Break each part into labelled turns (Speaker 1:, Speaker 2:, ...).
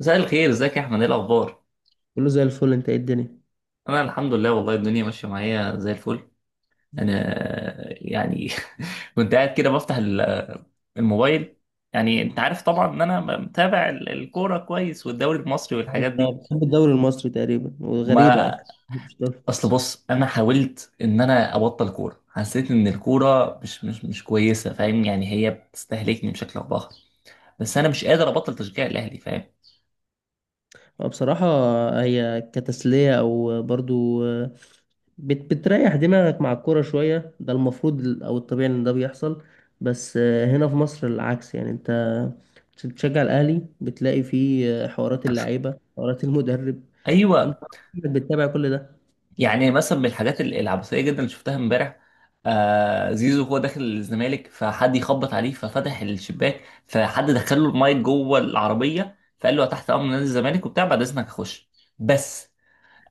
Speaker 1: مساء الخير، ازيك يا احمد؟ ايه الاخبار؟
Speaker 2: كله زي الفل، انت ايه الدنيا؟
Speaker 1: انا الحمد لله، والله الدنيا ماشيه معايا زي الفل. انا يعني كنت قاعد كده بفتح الموبايل. يعني انت عارف طبعا ان انا متابع الكوره كويس، والدوري المصري والحاجات
Speaker 2: انا
Speaker 1: دي.
Speaker 2: بحب الدوري المصري تقريبا، وغريبة
Speaker 1: ما
Speaker 2: انا. مش الدوري
Speaker 1: اصل
Speaker 2: المصري.
Speaker 1: بص، انا حاولت ان انا ابطل كوره، حسيت ان الكوره مش كويسه. فاهم؟ يعني هي بتستهلكني بشكل او باخر، بس انا مش قادر ابطل تشجيع الاهلي. فاهم؟
Speaker 2: هو بصراحة، هي كتسلية او برضو بتريح دماغك مع الكورة شوية. ده المفروض او الطبيعي ان ده بيحصل، بس هنا في مصر العكس. يعني انت بتشجع الاهلي، بتلاقي فيه حوارات اللعيبة، حوارات المدرب. فانت
Speaker 1: ايوه.
Speaker 2: بتتابع كل ده.
Speaker 1: يعني مثلا من الحاجات العبثيه جدا اللي شفتها امبارح، آه زيزو هو داخل الزمالك فحد يخبط عليه ففتح الشباك، فحد دخل له المايك جوه العربيه، فقال له تحت امر نادي الزمالك وبتاع، بعد اذنك اخش بس.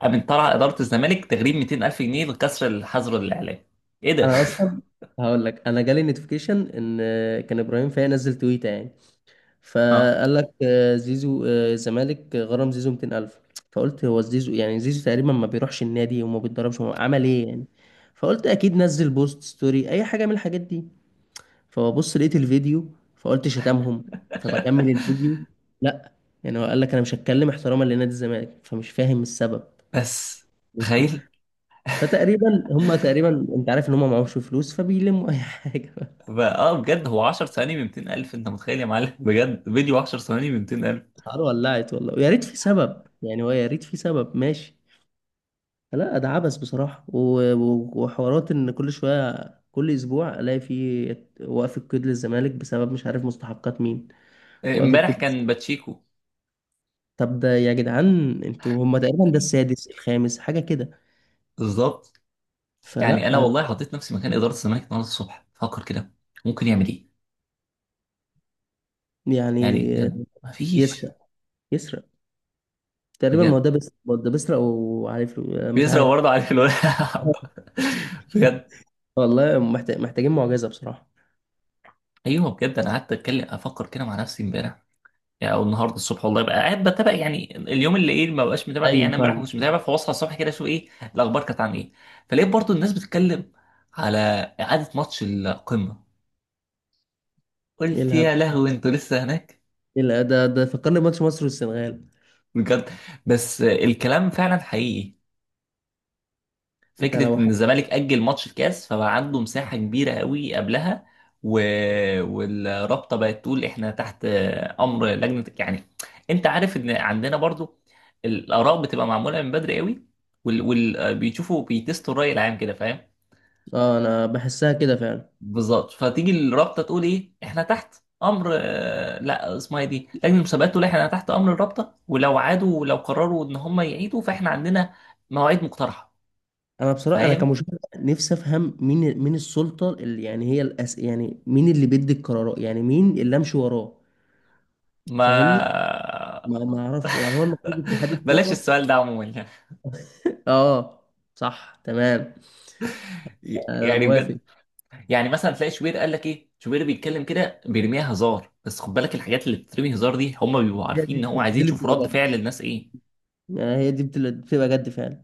Speaker 1: قامت طلع اداره الزمالك تغريم 200000 جنيه لكسر الحظر الاعلامي. ايه ده؟
Speaker 2: انا اصلا هقول لك، انا جالي نوتيفيكيشن ان كان ابراهيم فايق نزل تويته يعني،
Speaker 1: اه.
Speaker 2: فقال لك زيزو، الزمالك غرم زيزو 200,000. فقلت هو زيزو يعني؟ زيزو تقريبا ما بيروحش النادي وما بيتدربش، هو عمل ايه يعني؟ فقلت اكيد نزل بوست، ستوري، اي حاجه من الحاجات دي. فببص لقيت الفيديو، فقلت شتمهم. فبكمل الفيديو، لا. يعني هو قال لك انا مش هتكلم احتراما لنادي الزمالك، فمش فاهم السبب.
Speaker 1: بس
Speaker 2: انتوا.
Speaker 1: تخيل،
Speaker 2: فتقريبا هم تقريبا، انت عارف ان هم معهمش فلوس فبيلموا اي حاجه.
Speaker 1: بجد هو 10 ثواني ب 200000. انت متخيل يا معلم؟ بجد، فيديو 10 ثواني ب 200000.
Speaker 2: الحوار ولعت والله، ويا ريت في سبب يعني، هو يا ريت في سبب ماشي. لا، ده عبث بصراحة، وحوارات ان كل شوية، كل اسبوع الاقي فيه وقف القيد للزمالك بسبب مش عارف مستحقات مين. وقف
Speaker 1: امبارح
Speaker 2: القيد؟
Speaker 1: كان باتشيكو.
Speaker 2: طب ده يا جدعان، انتوا هما تقريبا ده السادس، الخامس، حاجة كده.
Speaker 1: بالظبط. يعني انا
Speaker 2: فلا
Speaker 1: والله حطيت نفسي مكان اداره الزمالك النهارده الصبح، فكر كده ممكن يعمل ايه.
Speaker 2: يعني.
Speaker 1: يعني بجد مفيش.
Speaker 2: يسرق، يسرق. تقريبا ما هو
Speaker 1: بجد
Speaker 2: ده بيسرق، ما هو ده بيسرق وعليه فلوس. مش
Speaker 1: بيزرع
Speaker 2: عارف.
Speaker 1: برضه عليه الولد. بجد.
Speaker 2: والله محتاج، محتاجين معجزة بصراحة.
Speaker 1: ايوه بجد، انا قعدت اتكلم افكر كده مع نفسي امبارح، يعني او النهارده الصبح، والله بقى قاعد بتابع يعني اليوم اللي ايه ما بقاش متابع فيه. يعني
Speaker 2: ايوه
Speaker 1: انا امبارح
Speaker 2: فاهم.
Speaker 1: مش متابع، فبصحى الصبح كده اشوف ايه الاخبار كانت عن ايه. فلقيت برضه الناس بتتكلم على اعاده ماتش القمه.
Speaker 2: ايه
Speaker 1: قلت
Speaker 2: الهبل؟
Speaker 1: يا لهوي، انتوا لسه هناك؟
Speaker 2: ايه الهبل؟ ده فكرني بماتش مصر والسنغال.
Speaker 1: بجد! بس الكلام فعلا حقيقي.
Speaker 2: انت
Speaker 1: فكره
Speaker 2: لو ح...
Speaker 1: ان الزمالك اجل ماتش الكاس فبقى عنده مساحه كبيره قوي قبلها، و... والرابطه بقت تقول احنا تحت امر لجنه يعني. انت عارف ان عندنا برضو الاراء بتبقى معموله من بدري قوي، بيشوفوا بيتستوا الراي العام كده. فاهم؟
Speaker 2: اه انا بحسها كده فعلا.
Speaker 1: بالظبط، فتيجي الرابطه تقول ايه، احنا تحت امر لا، اسمها إيه دي، لجنه المسابقات، تقول احنا تحت امر الرابطه، ولو عادوا ولو قرروا ان هم يعيدوا فاحنا عندنا مواعيد مقترحه.
Speaker 2: انا بصراحه، انا
Speaker 1: فاهم؟
Speaker 2: كمشاهد، نفسي افهم مين السلطه اللي يعني هي يعني مين اللي بيدي القرارات، يعني مين اللي امشي وراه؟
Speaker 1: ما
Speaker 2: فاهمني؟ ما اعرفش. يعني هو المفروض اتحاد
Speaker 1: بلاش
Speaker 2: الكوره.
Speaker 1: السؤال ده عموما.
Speaker 2: اه، صح، تمام، انا
Speaker 1: يعني
Speaker 2: موافق.
Speaker 1: بجد، يعني مثلا تلاقي شوبير قال لك ايه، شوبير بيتكلم كده بيرميها هزار، بس خد بالك الحاجات اللي بتترمي هزار دي هم بيبقوا
Speaker 2: هي
Speaker 1: عارفين
Speaker 2: دي
Speaker 1: ان هو
Speaker 2: دي
Speaker 1: عايزين
Speaker 2: اللي
Speaker 1: يشوفوا
Speaker 2: بتبقى
Speaker 1: رد
Speaker 2: جد.
Speaker 1: فعل الناس ايه.
Speaker 2: يعني هي دي بتبقى جد فعلا.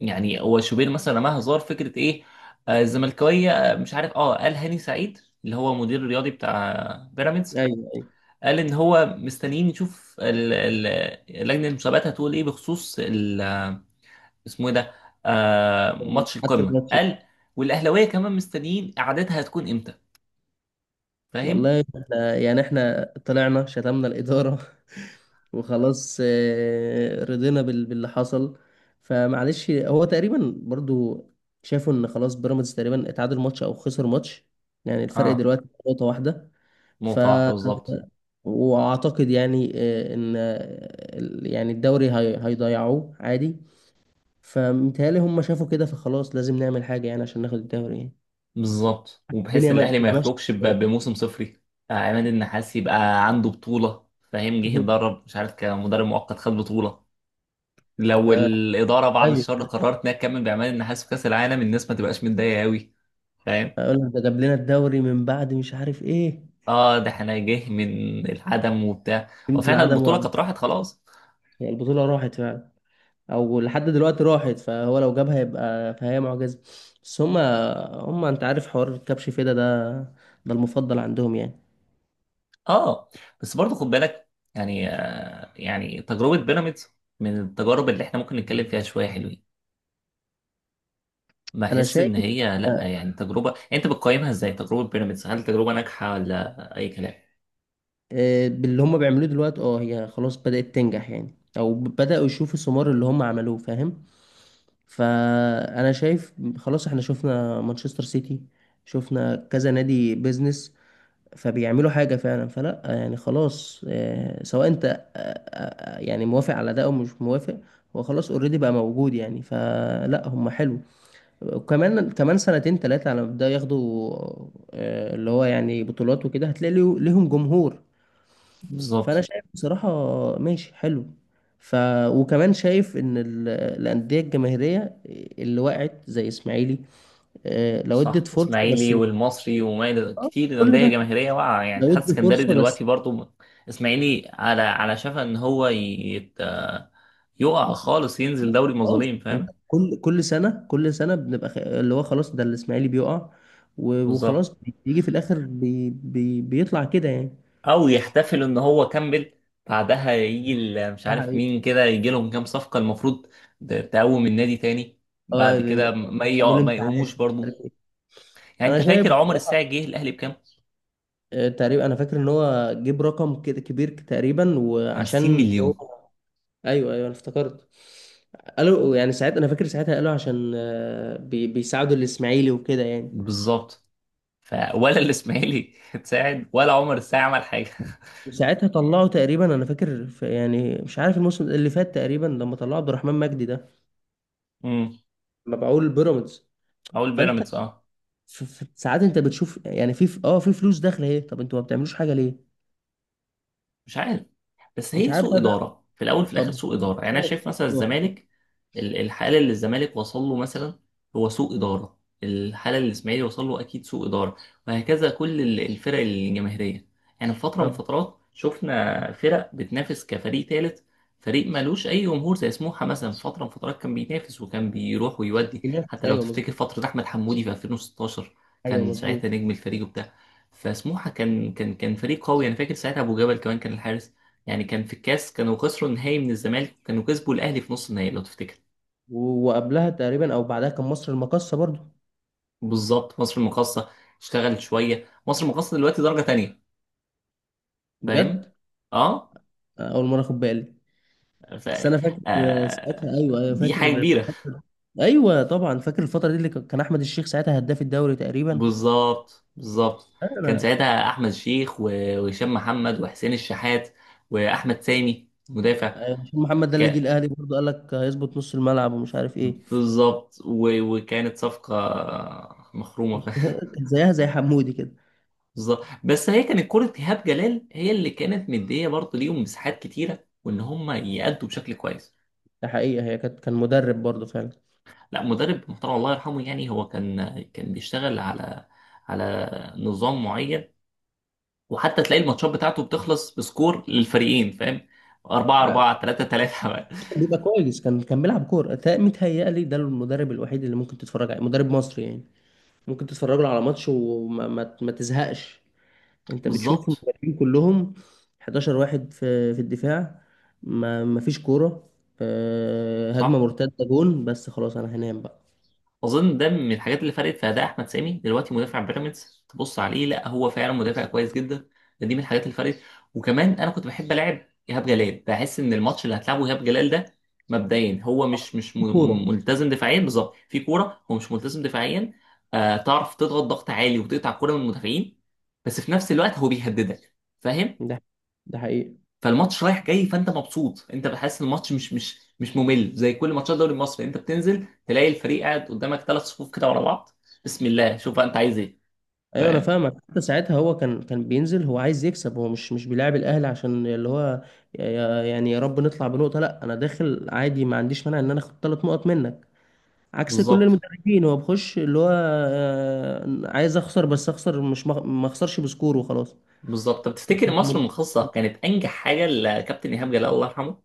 Speaker 1: يعني هو شوبير مثلا رماها هزار فكره ايه، آه، الزملكاويه مش عارف، اه، قال هاني سعيد اللي هو مدير الرياضي بتاع بيراميدز،
Speaker 2: ايوه، ايوه.
Speaker 1: قال ان هو مستنيين يشوف لجنه المسابقات هتقول ايه بخصوص اسمه ايه ده، آه ماتش
Speaker 2: حتى
Speaker 1: القمه،
Speaker 2: الماتش.
Speaker 1: قال. والاهلاويه كمان مستنيين قعدتها هتكون امتى. فاهم؟
Speaker 2: والله يعني احنا طلعنا شتمنا الإدارة. وخلاص رضينا باللي حصل. فمعلش، هو تقريبا برضو شافوا ان خلاص بيراميدز تقريبا اتعادل ماتش او خسر ماتش. يعني الفرق
Speaker 1: اه،
Speaker 2: دلوقتي نقطة واحدة. ف
Speaker 1: نقطه واحده بالظبط.
Speaker 2: واعتقد يعني ان يعني الدوري هيضيعوه عادي. فمتهيألي هم شافوا كده، فخلاص لازم نعمل حاجة يعني عشان ناخد الدوري يعني.
Speaker 1: بالظبط، وبحيث
Speaker 2: الدنيا ما
Speaker 1: الاهلي ما
Speaker 2: بتبقى ماشية
Speaker 1: يخرجش
Speaker 2: ازاي.
Speaker 1: بموسم صفري. آه عماد النحاس يبقى عنده بطوله. فاهم؟ جه يتدرب مش عارف كمدرب مؤقت خد بطوله. لو
Speaker 2: آه،
Speaker 1: الاداره بعد
Speaker 2: ايوه.
Speaker 1: الشر قررت انها تكمل بعماد النحاس في كاس العالم، الناس ما تبقاش متضايقه قوي. فاهم؟
Speaker 2: اقول لك، ده جاب لنا الدوري من بعد مش عارف ايه.
Speaker 1: اه، ده احنا جه من العدم وبتاع،
Speaker 2: يمكن
Speaker 1: وفعلا
Speaker 2: العدم
Speaker 1: البطوله
Speaker 2: وعمل.
Speaker 1: كانت راحت خلاص.
Speaker 2: يعني البطوله راحت فعلا، او لحد دلوقتي راحت، فهو لو جابها يبقى فهي معجزه. بس هما انت عارف حوار الكبش فيدا ده، ده المفضل عندهم يعني.
Speaker 1: اه، بس برضه خد بالك، يعني يعني تجربه بيراميدز من التجارب اللي احنا ممكن نتكلم فيها شويه حلوين.
Speaker 2: انا
Speaker 1: بحس
Speaker 2: شايف
Speaker 1: ان هي لا،
Speaker 2: آه،
Speaker 1: يعني تجربه، يعني انت بتقيمها ازاي تجربه بيراميدز، هل تجربه ناجحه ولا اي كلام.
Speaker 2: باللي هما بيعملوه دلوقتي. اه، هي خلاص بدات تنجح يعني، او بداوا يشوفوا ثمار اللي هما عملوه، فاهم؟ فانا شايف خلاص. احنا شفنا مانشستر سيتي، شفنا كذا نادي بيزنس، فبيعملوا حاجة فعلا. فلا يعني خلاص، سواء انت يعني موافق على ده او مش موافق، هو خلاص اوريدي بقى موجود يعني. فلا، هم حلو. وكمان كمان سنتين تلاتة على ما يبدأوا ياخدوا اللي هو يعني بطولات وكده، هتلاقي ليهم جمهور. فانا
Speaker 1: بالظبط.
Speaker 2: شايف بصراحة ماشي، حلو. ف وكمان شايف ان الانديه الجماهيريه اللي وقعت زي اسماعيلي، لو
Speaker 1: صح،
Speaker 2: ادت فرصه بس،
Speaker 1: اسماعيلي
Speaker 2: مش
Speaker 1: والمصري وما الى
Speaker 2: آه،
Speaker 1: كتير
Speaker 2: كل
Speaker 1: انديه
Speaker 2: ده
Speaker 1: جماهيريه واقعه يعني،
Speaker 2: لو
Speaker 1: اتحاد
Speaker 2: ادي
Speaker 1: اسكندري
Speaker 2: فرصه بس،
Speaker 1: دلوقتي برضه. اسماعيلي على شفا ان هو يت... آه، يقع خالص ينزل دوري
Speaker 2: خلاص.
Speaker 1: مظالم. فاهم؟
Speaker 2: كل سنه، كل سنه بنبقى اللي هو خلاص، ده الاسماعيلي بيقع
Speaker 1: بالظبط.
Speaker 2: وخلاص. بيجي في الاخر بيطلع كده يعني.
Speaker 1: او يحتفلوا ان هو كمل، بعدها يجي مش
Speaker 2: ده
Speaker 1: عارف
Speaker 2: حقيقي.
Speaker 1: مين كده يجي لهم كام صفقة المفروض، تقوم النادي تاني، بعد
Speaker 2: اه
Speaker 1: كده
Speaker 2: اعملوا
Speaker 1: ما
Speaker 2: انتعاش
Speaker 1: يقوموش
Speaker 2: مش
Speaker 1: برضو.
Speaker 2: عارف ايه.
Speaker 1: يعني
Speaker 2: انا
Speaker 1: انت
Speaker 2: شايف
Speaker 1: فاكر عمر
Speaker 2: بصراحه
Speaker 1: الساعي جه الاهلي بكام؟
Speaker 2: تقريبا انا فاكر ان هو جيب رقم كده كبير تقريبا،
Speaker 1: 50
Speaker 2: وعشان هو.
Speaker 1: مليون.
Speaker 2: ايوه ايوه، انا افتكرت. قالوا يعني ساعات، انا فاكر ساعتها قالوا عشان بيساعدوا الاسماعيلي وكده يعني.
Speaker 1: بالظبط. ولا الاسماعيلي اتساعد ولا عمر الساعي عمل حاجة.
Speaker 2: وساعتها طلعوا تقريبا، انا فاكر في يعني مش عارف الموسم اللي فات تقريبا لما طلعوا عبد الرحمن مجدي ده
Speaker 1: امم
Speaker 2: مبيعوه لبيراميدز.
Speaker 1: اقول
Speaker 2: فانت
Speaker 1: بيراميدز اه.
Speaker 2: في في ساعات انت بتشوف يعني في ف- اه في فلوس داخله اهي، طب انتوا ما بتعملوش حاجه ليه؟
Speaker 1: مش عارف. بس
Speaker 2: مش
Speaker 1: هي
Speaker 2: عارف
Speaker 1: سوء
Speaker 2: بقى ده.
Speaker 1: اداره، في الاول في
Speaker 2: طب.
Speaker 1: الاخر سوء اداره. يعني انا شايف مثلا الزمالك، الحاله اللي الزمالك وصل له مثلا هو سوء اداره، الحاله اللي الاسماعيلي وصل له اكيد سوء اداره، وهكذا كل الفرق الجماهيريه. يعني في فتره من
Speaker 2: طب.
Speaker 1: فترات شفنا فرق بتنافس كفريق ثالث، فريق مالوش اي جمهور، زي سموحه مثلا، في فتره من فترات كان بينافس وكان بيروح ويودي،
Speaker 2: ينافس،
Speaker 1: حتى لو
Speaker 2: ايوه
Speaker 1: تفتكر
Speaker 2: مظبوط.
Speaker 1: فتره احمد حمودي في 2016
Speaker 2: ايوه
Speaker 1: كان
Speaker 2: مظبوط.
Speaker 1: ساعتها نجم الفريق وبتاع. فسموحه كان فريق قوي. انا فاكر ساعتها ابو جبل كمان كان الحارس. يعني كان في الكاس كانوا خسروا النهائي من الزمالك، كانوا كسبوا الاهلي في نص النهائي لو تفتكر.
Speaker 2: وقبلها تقريبا او بعدها كان مصر المقاصه برضو.
Speaker 1: بالظبط، مصر المقاصة. اشتغلت شوية مصر المقاصة، دلوقتي درجة تانية. فاهم؟
Speaker 2: بجد،
Speaker 1: اه.
Speaker 2: اول مره اخد بالي.
Speaker 1: ف...
Speaker 2: بس انا فاكر
Speaker 1: آه...
Speaker 2: ساعتها، ايوه ايوه
Speaker 1: دي
Speaker 2: فاكر
Speaker 1: حاجة
Speaker 2: في
Speaker 1: كبيرة.
Speaker 2: الفتره. ايوه طبعا، فاكر الفتره دي اللي كان احمد الشيخ ساعتها هداف الدوري تقريبا.
Speaker 1: بالظبط بالظبط، كان
Speaker 2: انا.
Speaker 1: ساعتها احمد شيخ و- وهشام محمد وحسين الشحات واحمد سامي مدافع.
Speaker 2: أيوة، عشان محمد ده اللي جه
Speaker 1: ك...
Speaker 2: الاهلي برضه قال لك هيظبط نص الملعب ومش عارف ايه.
Speaker 1: بالظبط، و... وكانت صفقة مخرومة.
Speaker 2: كان زيها زي حمودي كده.
Speaker 1: بالظبط، بس هي كانت كرة إيهاب جلال، هي اللي كانت مدية برضه ليهم مساحات كتيرة، وإن هم يأدوا بشكل كويس.
Speaker 2: ده حقيقه، هي كان مدرب برضه فعلا.
Speaker 1: لا، مدرب محترم الله يرحمه. يعني هو كان بيشتغل على نظام معين، وحتى تلاقي الماتشات بتاعته بتخلص بسكور للفريقين. فاهم؟ 4
Speaker 2: آه،
Speaker 1: 4 3 3.
Speaker 2: بيبقى كويس. كان بيلعب كوره متهيألي ده المدرب الوحيد اللي ممكن تتفرج عليه مدرب مصري يعني. ممكن تتفرج له على ماتش وما ما تزهقش. انت بتشوف
Speaker 1: بالظبط.
Speaker 2: المدربين كلهم 11 واحد في الدفاع. ما فيش كوره. هجمه
Speaker 1: صح.
Speaker 2: مرتده جون بس، خلاص انا هنام بقى.
Speaker 1: اظن ده من الحاجات اللي فرقت في اداء احمد سامي دلوقتي، مدافع بيراميدز تبص عليه لا هو فعلا مدافع كويس جدا. دي من الحاجات اللي فرقت. وكمان انا كنت بحب العب ايهاب جلال، بحس ان الماتش اللي هتلعبه ايهاب جلال ده مبدئيا، هو مش مش م-
Speaker 2: كوره.
Speaker 1: م- ملتزم دفاعيا بالظبط في كوره، هو مش ملتزم دفاعيا. آه تعرف تضغط ضغط عالي وتقطع الكوره من المدافعين، بس في نفس الوقت هو بيهددك. فاهم؟
Speaker 2: ده ده حقيقي.
Speaker 1: فالماتش رايح جاي، فانت مبسوط، انت بحس الماتش مش ممل زي كل ماتشات الدوري المصري. انت بتنزل تلاقي الفريق قاعد قدامك ثلاث صفوف كده ورا بعض، بسم الله شوف بقى انت عايز ايه.
Speaker 2: ايوه انا
Speaker 1: فاهم؟
Speaker 2: فاهمك. حتى ساعتها هو كان بينزل هو عايز يكسب. هو مش بيلاعب الاهلي عشان اللي هو يعني يا رب نطلع بنقطه. لا، انا داخل عادي ما عنديش مانع ان انا اخد ثلاث نقط منك. عكس كل
Speaker 1: بالظبط
Speaker 2: المدربين، هو بخش اللي هو عايز اخسر بس اخسر، مش مخ- ما اخسرش بسكور وخلاص.
Speaker 1: بالظبط. طب تفتكر مصر المخصصه كانت انجح حاجه لكابتن ايهاب جلال الله يرحمه؟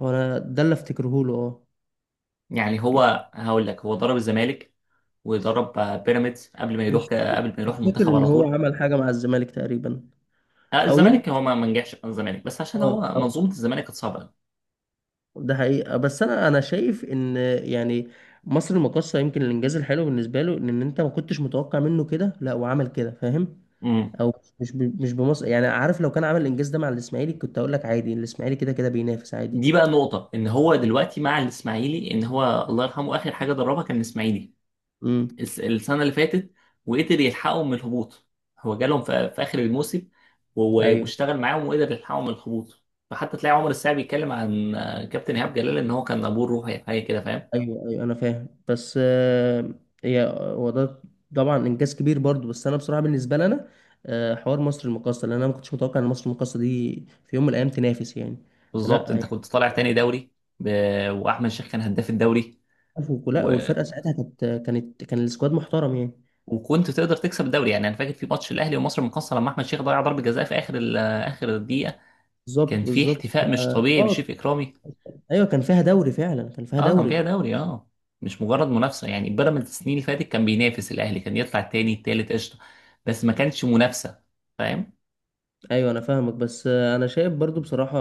Speaker 2: هو انا ده اللي افتكره له، اه.
Speaker 1: يعني
Speaker 2: يعني
Speaker 1: هو هقول لك، هو ضرب الزمالك وضرب بيراميدز قبل ما يروح
Speaker 2: مش
Speaker 1: قبل ما يروح
Speaker 2: مش فاكر
Speaker 1: المنتخب
Speaker 2: ان
Speaker 1: على
Speaker 2: هو
Speaker 1: طول.
Speaker 2: عمل حاجه مع الزمالك تقريبا، او
Speaker 1: الزمالك
Speaker 2: يمكن.
Speaker 1: هو ما نجحش مع الزمالك، بس عشان هو
Speaker 2: اه،
Speaker 1: منظومه الزمالك كانت صعبه
Speaker 2: ده حقيقة. بس انا شايف ان يعني مصر المقاصة يمكن الانجاز الحلو بالنسبة له ان انت ما كنتش متوقع منه كده، لا وعمل كده فاهم؟
Speaker 1: قوي.
Speaker 2: او مش بمصر، يعني عارف لو كان عمل الانجاز ده مع الاسماعيلي كنت اقول لك عادي، الاسماعيلي كده كده بينافس عادي.
Speaker 1: دي بقى نقطة، ان هو دلوقتي مع الاسماعيلي ان هو الله يرحمه اخر حاجة دربها كان الاسماعيلي
Speaker 2: امم.
Speaker 1: السنة اللي فاتت، وقدر يلحقهم من الهبوط. هو جالهم في اخر الموسم، و-
Speaker 2: ايوه
Speaker 1: واشتغل معاهم وقدر يلحقهم من الهبوط. فحتى تلاقي عمر الساعي بيتكلم عن كابتن ايهاب جلال ان هو كان ابوه الروحي، حاجة كده. فاهم؟
Speaker 2: ايوه ايوه، انا فاهم. بس هي هو ده، طبعا انجاز كبير برضو. بس انا بصراحة بالنسبة لنا حوار مصر المقاصة، لان انا ما كنتش متوقع ان مصر المقاصة دي في يوم من الايام تنافس يعني.
Speaker 1: بالظبط،
Speaker 2: فلا.
Speaker 1: انت كنت طالع تاني دوري. ب... واحمد شيخ كان هداف الدوري.
Speaker 2: عفوا لا،
Speaker 1: و...
Speaker 2: والفرقه ساعتها كانت، كان السكواد محترم يعني.
Speaker 1: وكنت تقدر تكسب الدوري. يعني انا فاكر في ماتش الاهلي ومصر المقاصة لما احمد شيخ ضيع ضربة جزاء في اخر اخر الدقيقة،
Speaker 2: بالظبط
Speaker 1: كان في
Speaker 2: بالظبط.
Speaker 1: احتفاء مش طبيعي
Speaker 2: اه،
Speaker 1: بشريف اكرامي.
Speaker 2: ايوه كان فيها دوري فعلا، كان فيها
Speaker 1: اه كان فيها
Speaker 2: دوري.
Speaker 1: دوري، اه، مش مجرد منافسه. يعني بيراميدز السنين اللي فاتت كان بينافس الاهلي، كان يطلع التاني التالت قشطه، بس ما كانش منافسه. فاهم؟
Speaker 2: ايوه انا فاهمك. بس انا شايف برضو بصراحه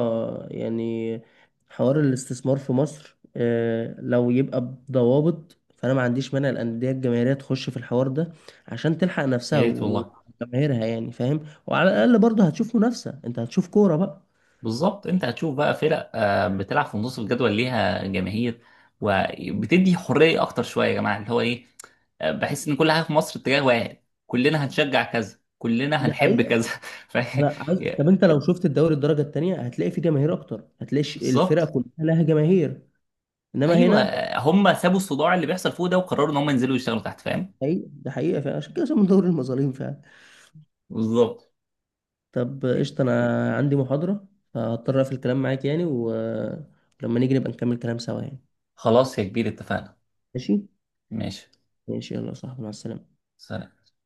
Speaker 2: يعني حوار الاستثمار في مصر، لو يبقى بضوابط، فانا ما عنديش مانع الانديه الجماهيريه تخش في الحوار ده عشان تلحق
Speaker 1: يا
Speaker 2: نفسها
Speaker 1: ريت والله.
Speaker 2: وجماهيرها يعني، فاهم؟ وعلى الاقل برضو هتشوف منافسه، انت هتشوف كوره بقى.
Speaker 1: بالظبط، انت هتشوف بقى فرق بتلعب في نص الجدول ليها جماهير، وبتدي حريه اكتر شويه. يا جماعه، اللي هو ايه، بحس ان كل حاجه في مصر اتجاه واحد، كلنا هنشجع كذا كلنا
Speaker 2: ده
Speaker 1: هنحب
Speaker 2: حقيقي.
Speaker 1: كذا. ف...
Speaker 2: انا عايز. طب انت لو شفت الدوري الدرجه الثانيه، هتلاقي فيه جماهير اكتر، هتلاقي
Speaker 1: بالظبط
Speaker 2: الفرق كلها لها جماهير. انما
Speaker 1: ايوه.
Speaker 2: هنا.
Speaker 1: هم سابوا الصداع اللي بيحصل فوق ده، وقرروا ان هم ينزلوا يشتغلوا تحت. فاهم؟
Speaker 2: حقيقة، ده حقيقه فعلا، عشان كده اسمه دوري المظالم فعلا.
Speaker 1: بالظبط.
Speaker 2: طب قشطه، انا عندي محاضره، فهضطر اقفل الكلام معاك يعني، ولما نيجي نبقى نكمل كلام سوا يعني.
Speaker 1: خلاص يا كبير، اتفقنا.
Speaker 2: ماشي.
Speaker 1: ماشي.
Speaker 2: ماشي. يلا يا صاحبي، مع السلامه.
Speaker 1: سلام.